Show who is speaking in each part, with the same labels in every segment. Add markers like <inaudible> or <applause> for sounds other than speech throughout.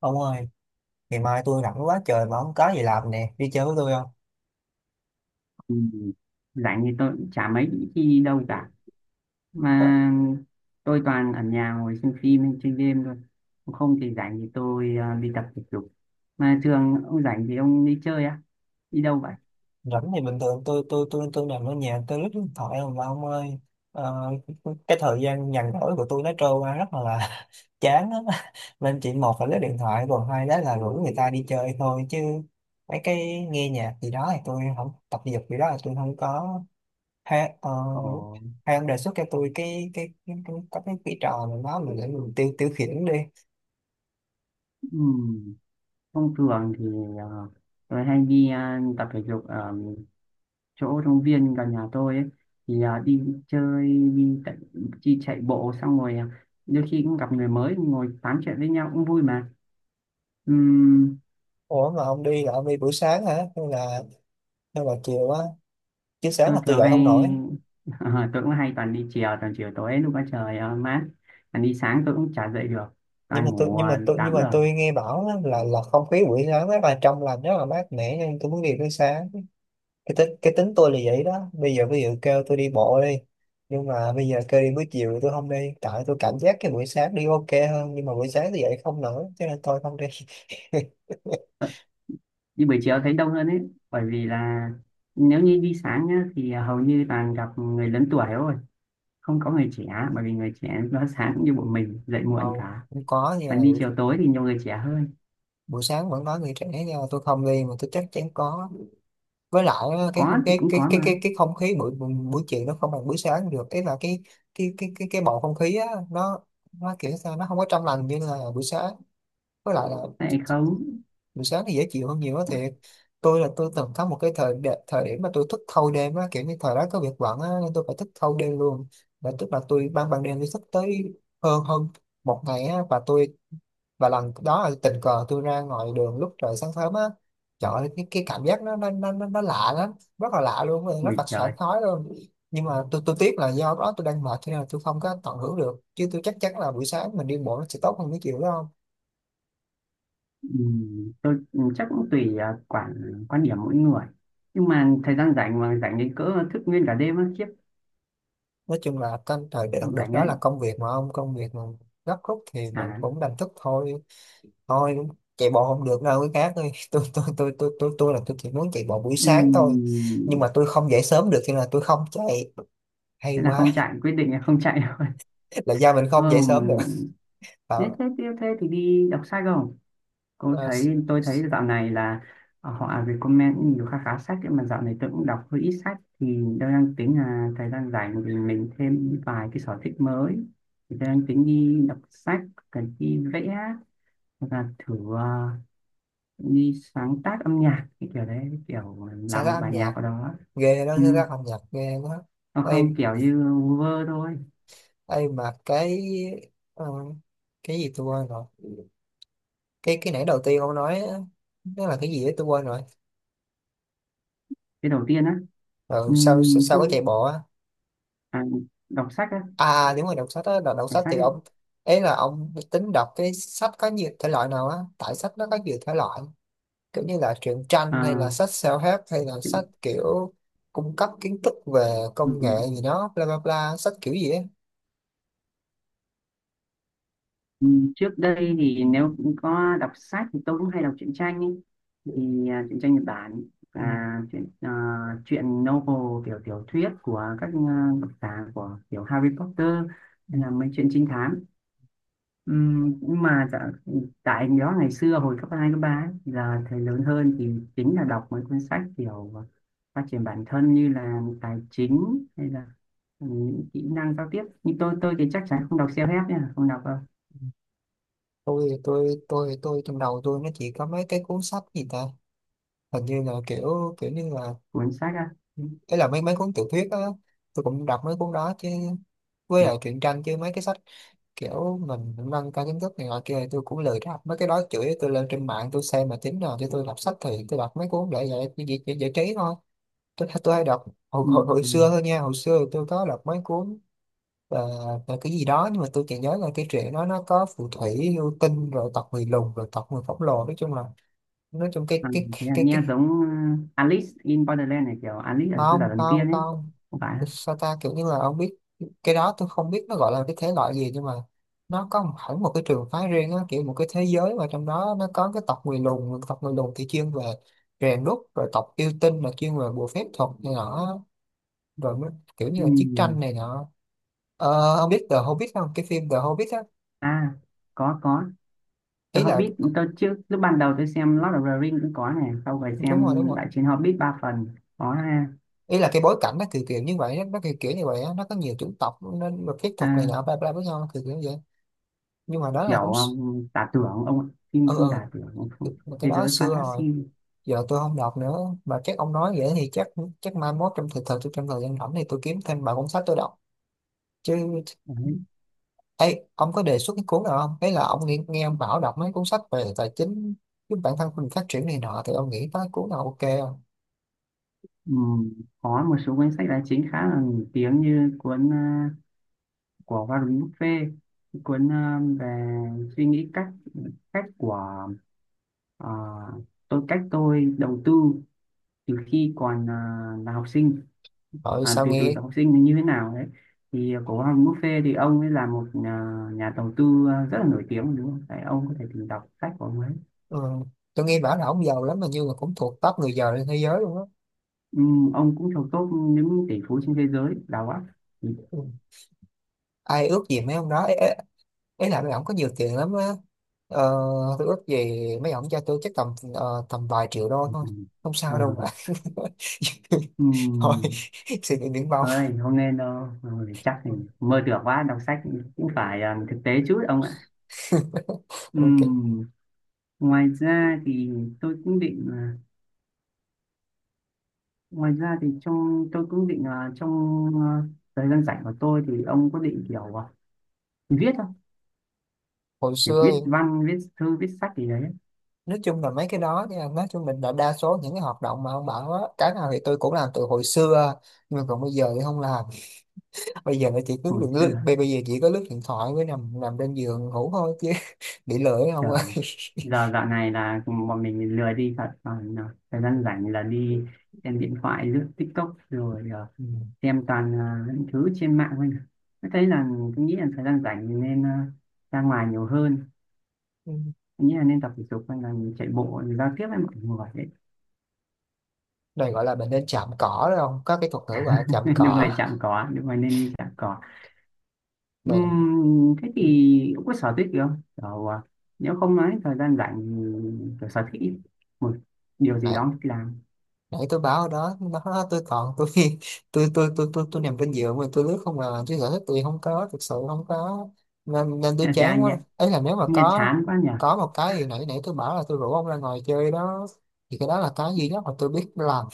Speaker 1: Ông ơi, ngày mai tôi rảnh quá trời mà không có gì làm nè, đi chơi với tôi không?
Speaker 2: Ừ, rảnh thì tôi cũng chả mấy khi đi đâu cả,
Speaker 1: Ờ.
Speaker 2: mà tôi toàn ở nhà ngồi xem phim hay chơi game thôi. Còn không thì rảnh thì tôi đi tập thể dục. Mà thường ông rảnh thì ông đi chơi á, đi đâu vậy?
Speaker 1: Rảnh thì bình thường tôi nằm ở nhà tôi lướt điện thoại không mà ông ơi. Ờ, cái thời gian nhàn rỗi của tôi nó trôi qua rất là <laughs> chán á. Nên chỉ một là lướt điện thoại, còn hai đó là rủ người ta đi chơi thôi, chứ mấy cái nghe nhạc gì đó thì tôi không, tập thể dục gì đó là tôi không có. hay, ờ,
Speaker 2: Ồ.
Speaker 1: hay ông đề xuất cho tôi cái trò nào đó mình để mình tiêu tiêu khiển đi.
Speaker 2: ừm, Thông thường thì ờ, tôi hay đi tập thể dục ở chỗ công viên gần nhà tôi ấy. Thì đi chơi đi, đi chạy bộ xong rồi đôi khi cũng gặp người mới ngồi tám chuyện với nhau cũng vui mà.
Speaker 1: Ủa mà ông đi là ông đi buổi sáng hả? Hay là chiều á? Chứ sáng
Speaker 2: Tôi
Speaker 1: là tôi
Speaker 2: thường
Speaker 1: dậy
Speaker 2: hay
Speaker 1: không nổi.
Speaker 2: <laughs> tôi cũng hay toàn đi chiều, toàn chiều tối lúc có trời mát. Còn đi sáng tôi cũng chả dậy được,
Speaker 1: Nhưng
Speaker 2: toàn
Speaker 1: mà tôi
Speaker 2: ngủ
Speaker 1: nhưng mà tôi nhưng
Speaker 2: 8
Speaker 1: mà
Speaker 2: giờ.
Speaker 1: tôi nghe bảo á, là không khí buổi sáng rất là trong lành, rất là mát mẻ, nên tôi muốn đi buổi sáng. Cái tính tôi là vậy đó. Bây giờ ví dụ kêu tôi đi bộ đi. Nhưng mà bây giờ kêu đi buổi chiều thì tôi không đi. Tại tôi cảm giác cái buổi sáng đi ok hơn, nhưng mà buổi sáng tôi dậy không nổi cho nên tôi không đi. <laughs>
Speaker 2: Ờ, đi buổi chiều thấy đông hơn ấy, bởi vì là nếu như đi sáng nhá, thì hầu như toàn gặp người lớn tuổi thôi, không có người trẻ, bởi vì người trẻ nó sáng cũng như bọn mình dậy muộn
Speaker 1: Đâu,
Speaker 2: cả.
Speaker 1: không có nha,
Speaker 2: Còn đi chiều tối thì nhiều người trẻ hơn.
Speaker 1: buổi sáng vẫn có người trẻ nha, tôi không đi mà tôi chắc chắn có. Với lại á, cái
Speaker 2: Có
Speaker 1: không
Speaker 2: thì
Speaker 1: cái
Speaker 2: cũng có mà.
Speaker 1: cái không khí buổi buổi buổi chiều nó không bằng buổi sáng được, ý là cái bầu không khí á, nó kiểu sao nó không có trong lành như là buổi sáng. Với lại là
Speaker 2: Tại không.
Speaker 1: buổi sáng thì dễ chịu hơn nhiều á, thiệt. Tôi là tôi từng có một cái thời điểm mà tôi thức thâu đêm á, kiểu như thời đó có việc bận á nên tôi phải thức thâu đêm luôn. Và tức là tôi ban ban đêm tôi thức tới hơn hơn một ngày á, và tôi, và lần đó là tình cờ tôi ra ngoài đường lúc trời sáng sớm á. Trời ơi, cái cảm giác nó lạ lắm, rất là lạ luôn, rất
Speaker 2: Ui
Speaker 1: là sảng
Speaker 2: trời.
Speaker 1: khoái luôn. Nhưng mà tôi tiếc là do đó tôi đang mệt cho nên là tôi không có tận hưởng được, chứ tôi chắc chắn là buổi sáng mình đi bộ nó sẽ tốt hơn cái chiều đó không.
Speaker 2: Ừ, tôi chắc cũng tùy, quan điểm mỗi người. Nhưng mà thời gian rảnh mà rảnh đến cỡ thức nguyên cả đêm á, khiếp.
Speaker 1: Nói chung là trong thời đợt đợt
Speaker 2: Rảnh
Speaker 1: đó
Speaker 2: ấy.
Speaker 1: là công việc mà gấp rút thì mình
Speaker 2: à
Speaker 1: cũng đành thức thôi. Thôi, chạy bộ không được đâu cái khác ơi. <laughs> Tôi là tôi chỉ muốn chạy bộ buổi sáng thôi, nhưng
Speaker 2: ừm,
Speaker 1: mà tôi không dậy sớm được cho nên là tôi không chạy. Hay
Speaker 2: Thế là
Speaker 1: quá.
Speaker 2: không chạy, quyết định là không chạy <laughs> rồi.
Speaker 1: Là do mình
Speaker 2: ờ,
Speaker 1: không dậy sớm được.
Speaker 2: Nếu
Speaker 1: Bảo.
Speaker 2: thế tiếp thế thì đi đọc sách không? tôi
Speaker 1: ờ, s-
Speaker 2: thấy tôi thấy
Speaker 1: s-
Speaker 2: dạo này là, họ recommend nhiều khá khá sách. Nhưng mà dạo này tôi cũng đọc hơi ít sách, thì tôi đang tính là thời gian rảnh thì mình thêm vài cái sở thích mới. Thì tôi đang tính đi đọc sách, cần đi vẽ. Hoặc là thử đi sáng tác âm nhạc cái kiểu đấy, cái kiểu
Speaker 1: Sáng
Speaker 2: làm
Speaker 1: tác
Speaker 2: một
Speaker 1: âm
Speaker 2: bài
Speaker 1: nhạc
Speaker 2: nhạc ở đó.
Speaker 1: ghê đó,
Speaker 2: Ừ.
Speaker 1: sáng tác âm nhạc ghê quá.
Speaker 2: Hoặc
Speaker 1: Ê,
Speaker 2: không kiểu như vơ thôi.
Speaker 1: ê mà cái, ờ, cái gì tôi quên rồi. Cái nãy đầu tiên ông nói á, nó là cái gì đấy tôi quên rồi.
Speaker 2: Cái đầu tiên á.
Speaker 1: Ừ,
Speaker 2: Ừ,
Speaker 1: sao sao sao có
Speaker 2: không.
Speaker 1: chạy bộ á.
Speaker 2: à, Đọc sách á.
Speaker 1: À à, đúng rồi, đọc sách á. Đọc
Speaker 2: Đọc
Speaker 1: sách
Speaker 2: sách
Speaker 1: thì
Speaker 2: á.
Speaker 1: ông ấy là ông tính đọc cái sách có nhiều thể loại nào á, tại sách nó có nhiều thể loại, kiểu như là truyện tranh hay là
Speaker 2: À.
Speaker 1: sách self-help hay là sách kiểu cung cấp kiến thức về
Speaker 2: Ừ.
Speaker 1: công nghệ gì đó, bla bla bla, sách kiểu gì á.
Speaker 2: Ừ. Trước đây thì nếu có đọc sách thì tôi cũng hay đọc truyện tranh ấy. Thì truyện tranh Nhật Bản,
Speaker 1: Ừ,
Speaker 2: truyện, truyện novel, kiểu tiểu thuyết của các, độc giả của kiểu Harry Potter,
Speaker 1: ừ,
Speaker 2: hay là mấy chuyện trinh thám. Ừ. Nhưng mà dạ, tại đó ngày xưa hồi cấp 2 cấp 3 ấy, giờ thầy lớn hơn thì chính là đọc mấy cuốn sách kiểu phát triển bản thân như là tài chính, hay là những kỹ năng giao tiếp. Nhưng tôi thì chắc chắn không đọc self-help nha, không đọc đâu.
Speaker 1: ừ. Tôi trong đầu tôi nó chỉ có mấy cái cuốn sách gì ta, hình như là kiểu kiểu như là,
Speaker 2: Cuốn sách á.
Speaker 1: ấy là mấy mấy cuốn tiểu thuyết á. Tôi cũng đọc mấy cuốn đó chứ, với
Speaker 2: Ừ.
Speaker 1: lại truyện tranh, chứ mấy cái sách kiểu mình nâng cao kiến thức này nọ kia thì tôi cũng lười đọc mấy cái đó, chửi tôi lên trên mạng tôi xem, mà tính nào cho tôi đọc sách thì tôi đọc mấy cuốn để giải trí thôi. Tôi hay đọc hồi
Speaker 2: Ừm,
Speaker 1: xưa thôi nha, hồi xưa tôi có đọc mấy cuốn, và, và cái gì đó, nhưng mà tôi chỉ nhớ là cái truyện đó nó có phù thủy, yêu tinh, rồi tộc người lùn, rồi tộc người khổng lồ, nói chung là, nói chung cái
Speaker 2: à,
Speaker 1: cái
Speaker 2: Thế là
Speaker 1: cái
Speaker 2: nghe
Speaker 1: cái
Speaker 2: giống Alice in Borderland này, kiểu Alice ở xứ sở
Speaker 1: không
Speaker 2: thần tiên
Speaker 1: không
Speaker 2: ấy.
Speaker 1: không,
Speaker 2: Không phải á?
Speaker 1: sao ta, kiểu như là ông biết. Cái đó tôi không biết nó gọi là cái thể loại gì, nhưng mà nó có hẳn một cái trường phái riêng á, kiểu một cái thế giới mà trong đó nó có cái tộc người lùn, tộc người lùn thì chuyên về rèn đúc, rồi tộc yêu tinh là chuyên về bùa phép thuật này nọ, rồi mới- kiểu như là chiến
Speaker 2: Ừm.
Speaker 1: tranh này nọ. Ờ, ông biết The Hobbit không? Cái phim The Hobbit á.
Speaker 2: À, có có. The
Speaker 1: Ý là
Speaker 2: Hobbit tôi trước lúc ban đầu tôi xem Lord of the Ring cũng có này, sau rồi
Speaker 1: đúng rồi,
Speaker 2: xem
Speaker 1: đúng rồi,
Speaker 2: Đại chiến Hobbit ba phần, có ha.
Speaker 1: ý là cái bối cảnh nó kiểu kiểu như vậy, nó kiểu kiểu như vậy á, nó có nhiều chủng tộc nên mà phép thuật này
Speaker 2: à,
Speaker 1: nọ bla bla với nhau, nó kiểu kiểu như vậy. Nhưng mà đó là
Speaker 2: Kiểu
Speaker 1: cũng
Speaker 2: giả tưởng ông ạ. Phim phim
Speaker 1: ừ,
Speaker 2: giả tưởng, ông
Speaker 1: ừ
Speaker 2: không-
Speaker 1: mà cái
Speaker 2: thế
Speaker 1: đó
Speaker 2: giới
Speaker 1: xưa rồi,
Speaker 2: fantasy
Speaker 1: giờ tôi không đọc nữa. Mà chắc ông nói vậy thì chắc chắc mai mốt trong thời gian rảnh thì tôi kiếm thêm vài cuốn sách tôi đọc chứ.
Speaker 2: đấy.
Speaker 1: Ấy ông có đề xuất cái cuốn nào không, ấy là ông nghe ông bảo đọc mấy cuốn sách về tài chính giúp bản thân mình phát triển này nọ thì ông nghĩ có cuốn nào ok không.
Speaker 2: Ừm, có một số cuốn sách tài chính khá là nổi tiếng, như cuốn của Warren Buffett, cuốn về suy nghĩ, cách cách của, à, tôi cách tôi đầu tư từ khi còn là học sinh,
Speaker 1: Rồi sao
Speaker 2: từ từ
Speaker 1: nghe.
Speaker 2: học sinh như thế nào đấy. Thì cổ Hoàng Buffet thì ông ấy là một nhà đầu tư rất là nổi tiếng đúng không? Đấy, ông có thể tìm đọc sách của ông ấy.
Speaker 1: Ừ, tôi nghe bảo là ông giàu lắm mà, như là cũng thuộc top người giàu trên thế giới luôn á.
Speaker 2: Ừ, ông cũng thuộc top những tỷ phú trên thế giới đào á. Ừ.
Speaker 1: Ừ. Ai ước gì mấy ông đó, ấy là mấy ông có nhiều tiền lắm á. ờ, tôi ước gì mấy ông cho tôi chắc tầm vài triệu đô
Speaker 2: Ừ.
Speaker 1: thôi, không
Speaker 2: Ờ.
Speaker 1: sao đâu mà. <laughs>
Speaker 2: Ừ.
Speaker 1: Thôi, suy nghĩ biển bao.
Speaker 2: Ơi, không nên đâu. Ừ, chắc thì mơ tưởng quá, đọc sách cũng phải thực tế chút ông ạ.
Speaker 1: Ok.
Speaker 2: Ừ. Ngoài ra thì tôi cũng định à, Ngoài ra thì trong tôi cũng định trong à, thời gian rảnh của tôi thì ông có định kiểu viết,
Speaker 1: Hồi
Speaker 2: kiểu
Speaker 1: xưa
Speaker 2: viết
Speaker 1: thì
Speaker 2: văn viết thư viết sách gì đấy?
Speaker 1: nói chung là mấy cái đó nha, nói chung mình là đa số những cái hoạt động mà ông bảo á, cái nào thì tôi cũng làm từ hồi xưa, nhưng mà còn bây giờ thì không làm. <laughs> Bây giờ là chỉ cứ
Speaker 2: Hồi
Speaker 1: lướt lướt-
Speaker 2: xưa.
Speaker 1: bây bây giờ chỉ có lướt điện thoại với nằm nằm trên giường ngủ thôi chứ. <laughs> Bị lười không ơi.
Speaker 2: Trời, giờ dạo này là bọn mình lười đi thật, còn thời gian rảnh là đi xem điện thoại lướt TikTok, rồi
Speaker 1: <laughs>
Speaker 2: xem toàn những thứ trên mạng thôi. Tôi thấy là tôi nghĩ là thời gian rảnh mình nên ra ngoài nhiều hơn.
Speaker 1: Ừ.
Speaker 2: Tôi nghĩ là nên tập thể dục, hay là mình chạy bộ giao tiếp với mọi người đấy.
Speaker 1: Này gọi là mình nên chạm cỏ đó, không có cái thuật ngữ gọi là chạm
Speaker 2: <laughs> Nếu
Speaker 1: cỏ.
Speaker 2: người chạm cỏ, nếu người nên đi chạm cỏ.
Speaker 1: Này
Speaker 2: Thế thì cũng có sở thích gì không? Kiểu, nếu không nói thời gian rảnh thì kiểu sở thích, một điều gì
Speaker 1: này,
Speaker 2: đó thích làm.
Speaker 1: nãy tôi báo ở đó, nó tôi còn tôi, <laughs> tôi nằm trên giường mà tôi lướt không à, chứ sở thích tôi không có, thực sự không có, nên nên tôi
Speaker 2: Nghe, chả-
Speaker 1: chán quá.
Speaker 2: nghe,
Speaker 1: Ấy là nếu mà
Speaker 2: nghe
Speaker 1: có
Speaker 2: chán quá nhỉ.
Speaker 1: có một cái gì nãy nãy tôi bảo là tôi rủ ông ra ngồi chơi đó, thì cái đó là cái duy nhất mà tôi biết làm.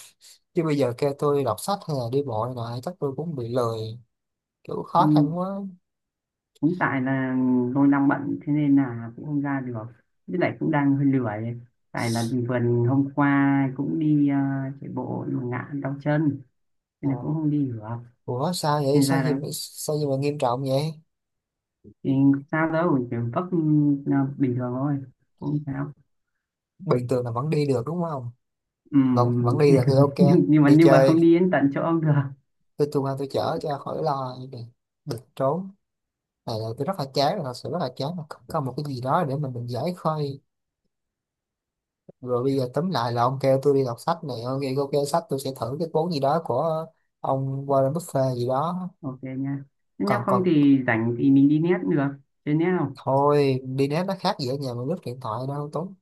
Speaker 1: Chứ bây giờ kêu tôi đọc sách hay là đi bộ này nọ, chắc tôi cũng bị lười, kiểu khó
Speaker 2: Ừm,
Speaker 1: khăn quá.
Speaker 2: cũng tại là tôi đang bận thế nên là cũng không ra được. Với lại cũng đang hơi lười. Tại là vừa hôm qua cũng đi chạy bộ nhưng mà ngã đau chân, nên là
Speaker 1: Ờ,
Speaker 2: cũng không đi được.
Speaker 1: ủa sao vậy,
Speaker 2: Nên
Speaker 1: sao
Speaker 2: ra
Speaker 1: gì,
Speaker 2: là
Speaker 1: sao gì mà nghiêm trọng vậy.
Speaker 2: thì sao đâu, kiểu vấp bình thường thôi. Cũng sao.
Speaker 1: Bình thường là vẫn đi được đúng không? Vẫn vẫn
Speaker 2: Ừm,
Speaker 1: đi được thì
Speaker 2: <laughs>
Speaker 1: ok,
Speaker 2: nhưng nhưng mà
Speaker 1: đi
Speaker 2: nhưng mà không
Speaker 1: chơi.
Speaker 2: đi đến tận chỗ ông được.
Speaker 1: Tôi tung ra tôi chở cho khỏi lo, được trốn. Này là tôi rất là chán rồi, thật sự rất là chán, không có một cái gì đó để mình giải khơi. Rồi bây giờ tóm lại là ông kêu tôi đi đọc sách này, ông kêu ok sách, tôi sẽ thử cái cuốn gì đó của ông Warren Buffett gì đó.
Speaker 2: Ok nha. Nếu
Speaker 1: còn
Speaker 2: không
Speaker 1: còn
Speaker 2: thì rảnh thì mình đi net được. Chơi net không?
Speaker 1: thôi, đi ném nó khác gì ở nhà mà lướt điện thoại đâu, tốn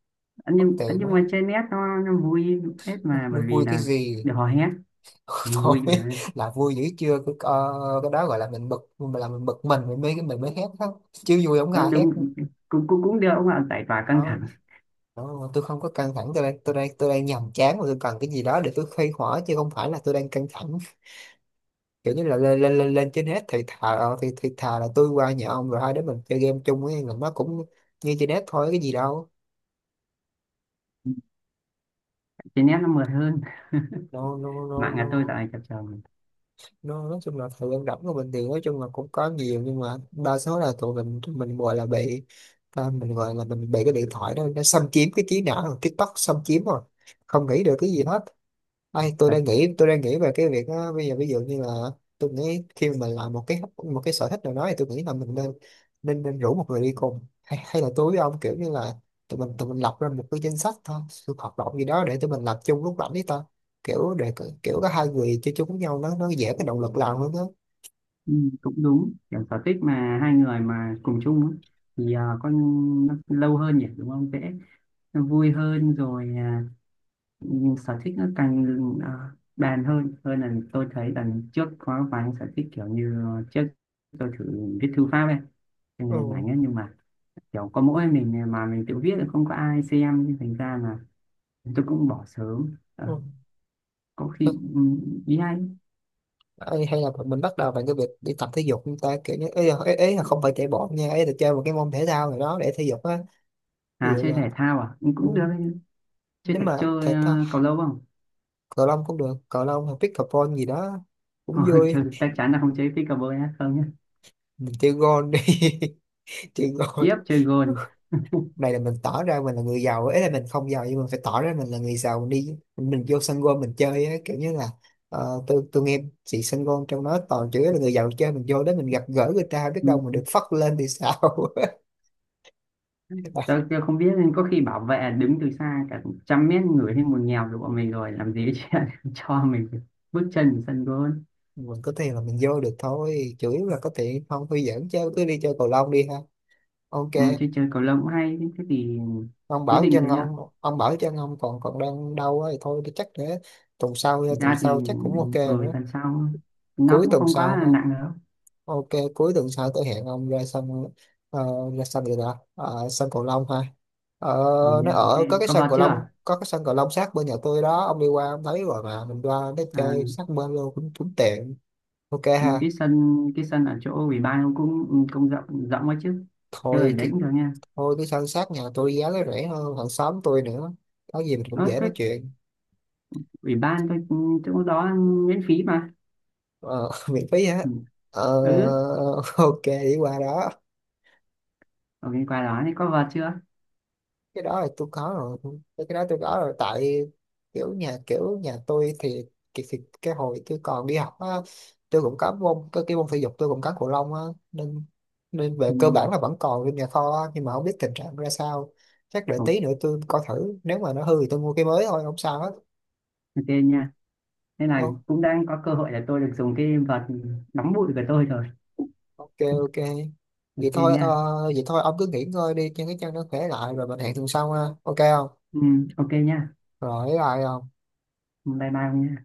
Speaker 1: tốn tiền.
Speaker 2: Ấn nhưng
Speaker 1: nó
Speaker 2: mà chơi net nó vui phết, mà bởi
Speaker 1: nó
Speaker 2: vì
Speaker 1: vui cái
Speaker 2: là
Speaker 1: gì.
Speaker 2: được hò hét
Speaker 1: <laughs> Thôi,
Speaker 2: vui mà.
Speaker 1: là vui dữ chưa cái, cái đó gọi là mình bực mình, mình mới hét đó chứ, vui không có
Speaker 2: Nó
Speaker 1: ai hét
Speaker 2: đúng. Cũng cũng cũng được ông ạ, giải tỏa căng thẳng.
Speaker 1: không. Đó, tôi không có căng thẳng, tôi đang nhàm chán mà tôi cần cái gì đó để tôi khuây khỏa, chứ không phải là tôi đang căng thẳng. Kiểu như là lên trên hết thì thà ờ, thì thà là tôi qua nhà ông rồi hai đứa mình chơi game chung, ấy là nó cũng như trên hết thôi, cái gì đâu.
Speaker 2: Chơi net nó mượt hơn.
Speaker 1: No no
Speaker 2: <laughs>
Speaker 1: no
Speaker 2: Mạng nhà
Speaker 1: no.
Speaker 2: tôi dạo này chập chờn.
Speaker 1: Nó nói chung là thời gian rảnh của mình thì nói chung là cũng có nhiều, nhưng mà đa số là tụi mình gọi là bị, ta mình gọi là mình bị cái điện thoại đó nó xâm chiếm cái trí não, rồi TikTok xâm chiếm rồi, không nghĩ được cái gì hết. Ai
Speaker 2: Thật.
Speaker 1: tôi đang nghĩ về cái việc á, bây giờ ví dụ như là tôi nghĩ khi mà mình làm một cái sở thích nào đó thì tôi nghĩ là mình nên nên nên rủ một người đi cùng, hay hay là tôi với ông kiểu như là tụi mình lập ra một cái danh sách thôi sự hoạt động gì đó để tụi mình làm chung lúc rảnh đi, kiểu để kiểu có hai người chơi chung với nhau nó dễ, cái động lực làm hơn đó.
Speaker 2: Ừ, cũng đúng. Kiểu sở thích mà hai người mà cùng chung á, thì con nó lâu hơn nhỉ đúng không, dễ nó vui hơn rồi. Nhưng sở thích nó càng bàn hơn hơn là tôi thấy lần trước có vài anh sở thích kiểu như trước tôi thử viết thư pháp ấy, cho nên
Speaker 1: Ừ.
Speaker 2: ảnh ấy nhưng mà kiểu có mỗi mình mà mình tự viết thì không có ai xem, nên thành ra là tôi cũng bỏ sớm. Ờ.
Speaker 1: Ừ.
Speaker 2: Có khi.
Speaker 1: Ừ.
Speaker 2: Ừ. Ý anh.
Speaker 1: Ê, hay là mình bắt đầu bằng cái việc đi tập thể dục chúng ta, kiểu như ấy là, ấy là không phải chạy bộ nha, ấy là chơi một cái môn thể thao nào đó để thể dục á. Ví
Speaker 2: À,
Speaker 1: dụ
Speaker 2: chơi
Speaker 1: là,
Speaker 2: thể thao à? Ừ,
Speaker 1: ừ,
Speaker 2: cũng được.
Speaker 1: nếu mà thể
Speaker 2: Chơi
Speaker 1: thao
Speaker 2: cầu lông không?
Speaker 1: cầu lông cũng được, cầu lông hay pickleball gì đó
Speaker 2: <laughs>
Speaker 1: cũng
Speaker 2: Thôi, chơi
Speaker 1: vui.
Speaker 2: chắc chắn là không chơi pickleball nhá, không nhá.
Speaker 1: Mình chơi gôn đi. <laughs> Chơi gôn.
Speaker 2: Khiếp, chơi gôn.
Speaker 1: Này là mình tỏ ra mình là người giàu, ấy là mình không giàu nhưng mình phải tỏ ra mình là người giàu đi, mình vô sân golf mình chơi ấy, kiểu như là, tôi nghe chị sân golf trong đó toàn chữ là người giàu chơi, mình vô đó mình gặp gỡ người ta biết đâu mình
Speaker 2: Ừ.
Speaker 1: được phất lên thì sao. <laughs> À,
Speaker 2: Tớ chưa không biết, nên có khi bảo vệ đứng từ xa cả trăm mét người thấy một nghèo được bọn mình rồi làm gì chứ <laughs> cho mình bước chân vào sân gôn.
Speaker 1: mình có tiền là mình vô được thôi, chủ yếu là có tiền, không tôi dẫn chơi, cứ đi chơi cầu lông đi ha. Ok.
Speaker 2: Ừ, chơi chơi cầu lông cũng hay thế thì. Quyết định thế nhá.
Speaker 1: Ông bảo chân ông còn còn đang đau á thì thôi chắc để tuần sau,
Speaker 2: Thực ra thì
Speaker 1: chắc cũng ok nữa.
Speaker 2: tuần sau nó
Speaker 1: Cuối
Speaker 2: cũng
Speaker 1: tuần
Speaker 2: không quá
Speaker 1: sau
Speaker 2: là
Speaker 1: ha.
Speaker 2: nặng đâu.
Speaker 1: Ok, cuối tuần sau tôi hẹn ông ra sân, ờ, ra sân gì đó. Ờ, sân cầu lông ha. Ờ,
Speaker 2: Còn nha,
Speaker 1: nó
Speaker 2: thế
Speaker 1: ở có cái
Speaker 2: có
Speaker 1: sân
Speaker 2: vào
Speaker 1: cầu lông,
Speaker 2: chưa?
Speaker 1: sát bên nhà tôi đó, ông đi qua ông thấy rồi mà, mình qua nó
Speaker 2: à,
Speaker 1: chơi sát bên luôn, cũng cũng tiện. Ok ha.
Speaker 2: cái sân ở chỗ ủy ban nó cũng cũng rộng rộng quá chứ, chơi ở
Speaker 1: Thôi
Speaker 2: đấy
Speaker 1: cái
Speaker 2: cũng được nha.
Speaker 1: Thôi cái sân sát nhà tôi giá nó rẻ hơn hàng xóm tôi nữa. Có gì mình cũng
Speaker 2: Ờ,
Speaker 1: dễ
Speaker 2: cái
Speaker 1: nói chuyện.
Speaker 2: ủy ban, cái chỗ đó miễn phí mà.
Speaker 1: Ờ, <laughs> miễn phí
Speaker 2: Ừ.
Speaker 1: hết. Ờ,
Speaker 2: Ừ,
Speaker 1: <laughs> ok đi qua đó.
Speaker 2: ở bên qua đó thì có vào chưa?
Speaker 1: Cái đó là tôi có rồi, cái đó tôi có rồi, tại kiểu nhà tôi thì cái hồi tôi còn đi học á tôi cũng có môn cái môn thể dục tôi cũng có cầu lông á, nên nên về
Speaker 2: Ừ.
Speaker 1: cơ bản là vẫn còn trong nhà kho á, nhưng mà không biết tình trạng ra sao. Chắc đợi tí nữa tôi coi thử nếu mà nó hư thì tôi mua cái mới thôi, không sao hết.
Speaker 2: Ok nha. Nên là
Speaker 1: Ô,
Speaker 2: cũng đang có cơ hội để tôi được dùng cái vợt nóng bụi của tôi rồi.
Speaker 1: ok, ok. vậy
Speaker 2: Ok
Speaker 1: thôi
Speaker 2: nha.
Speaker 1: ờ, Vậy thôi ông cứ nghỉ ngơi đi cho cái chân nó khỏe lại, rồi mình hẹn tuần sau ha, ok không.
Speaker 2: Ừ, ok nha.
Speaker 1: Rồi lại không.
Speaker 2: Bye bye ông nhé.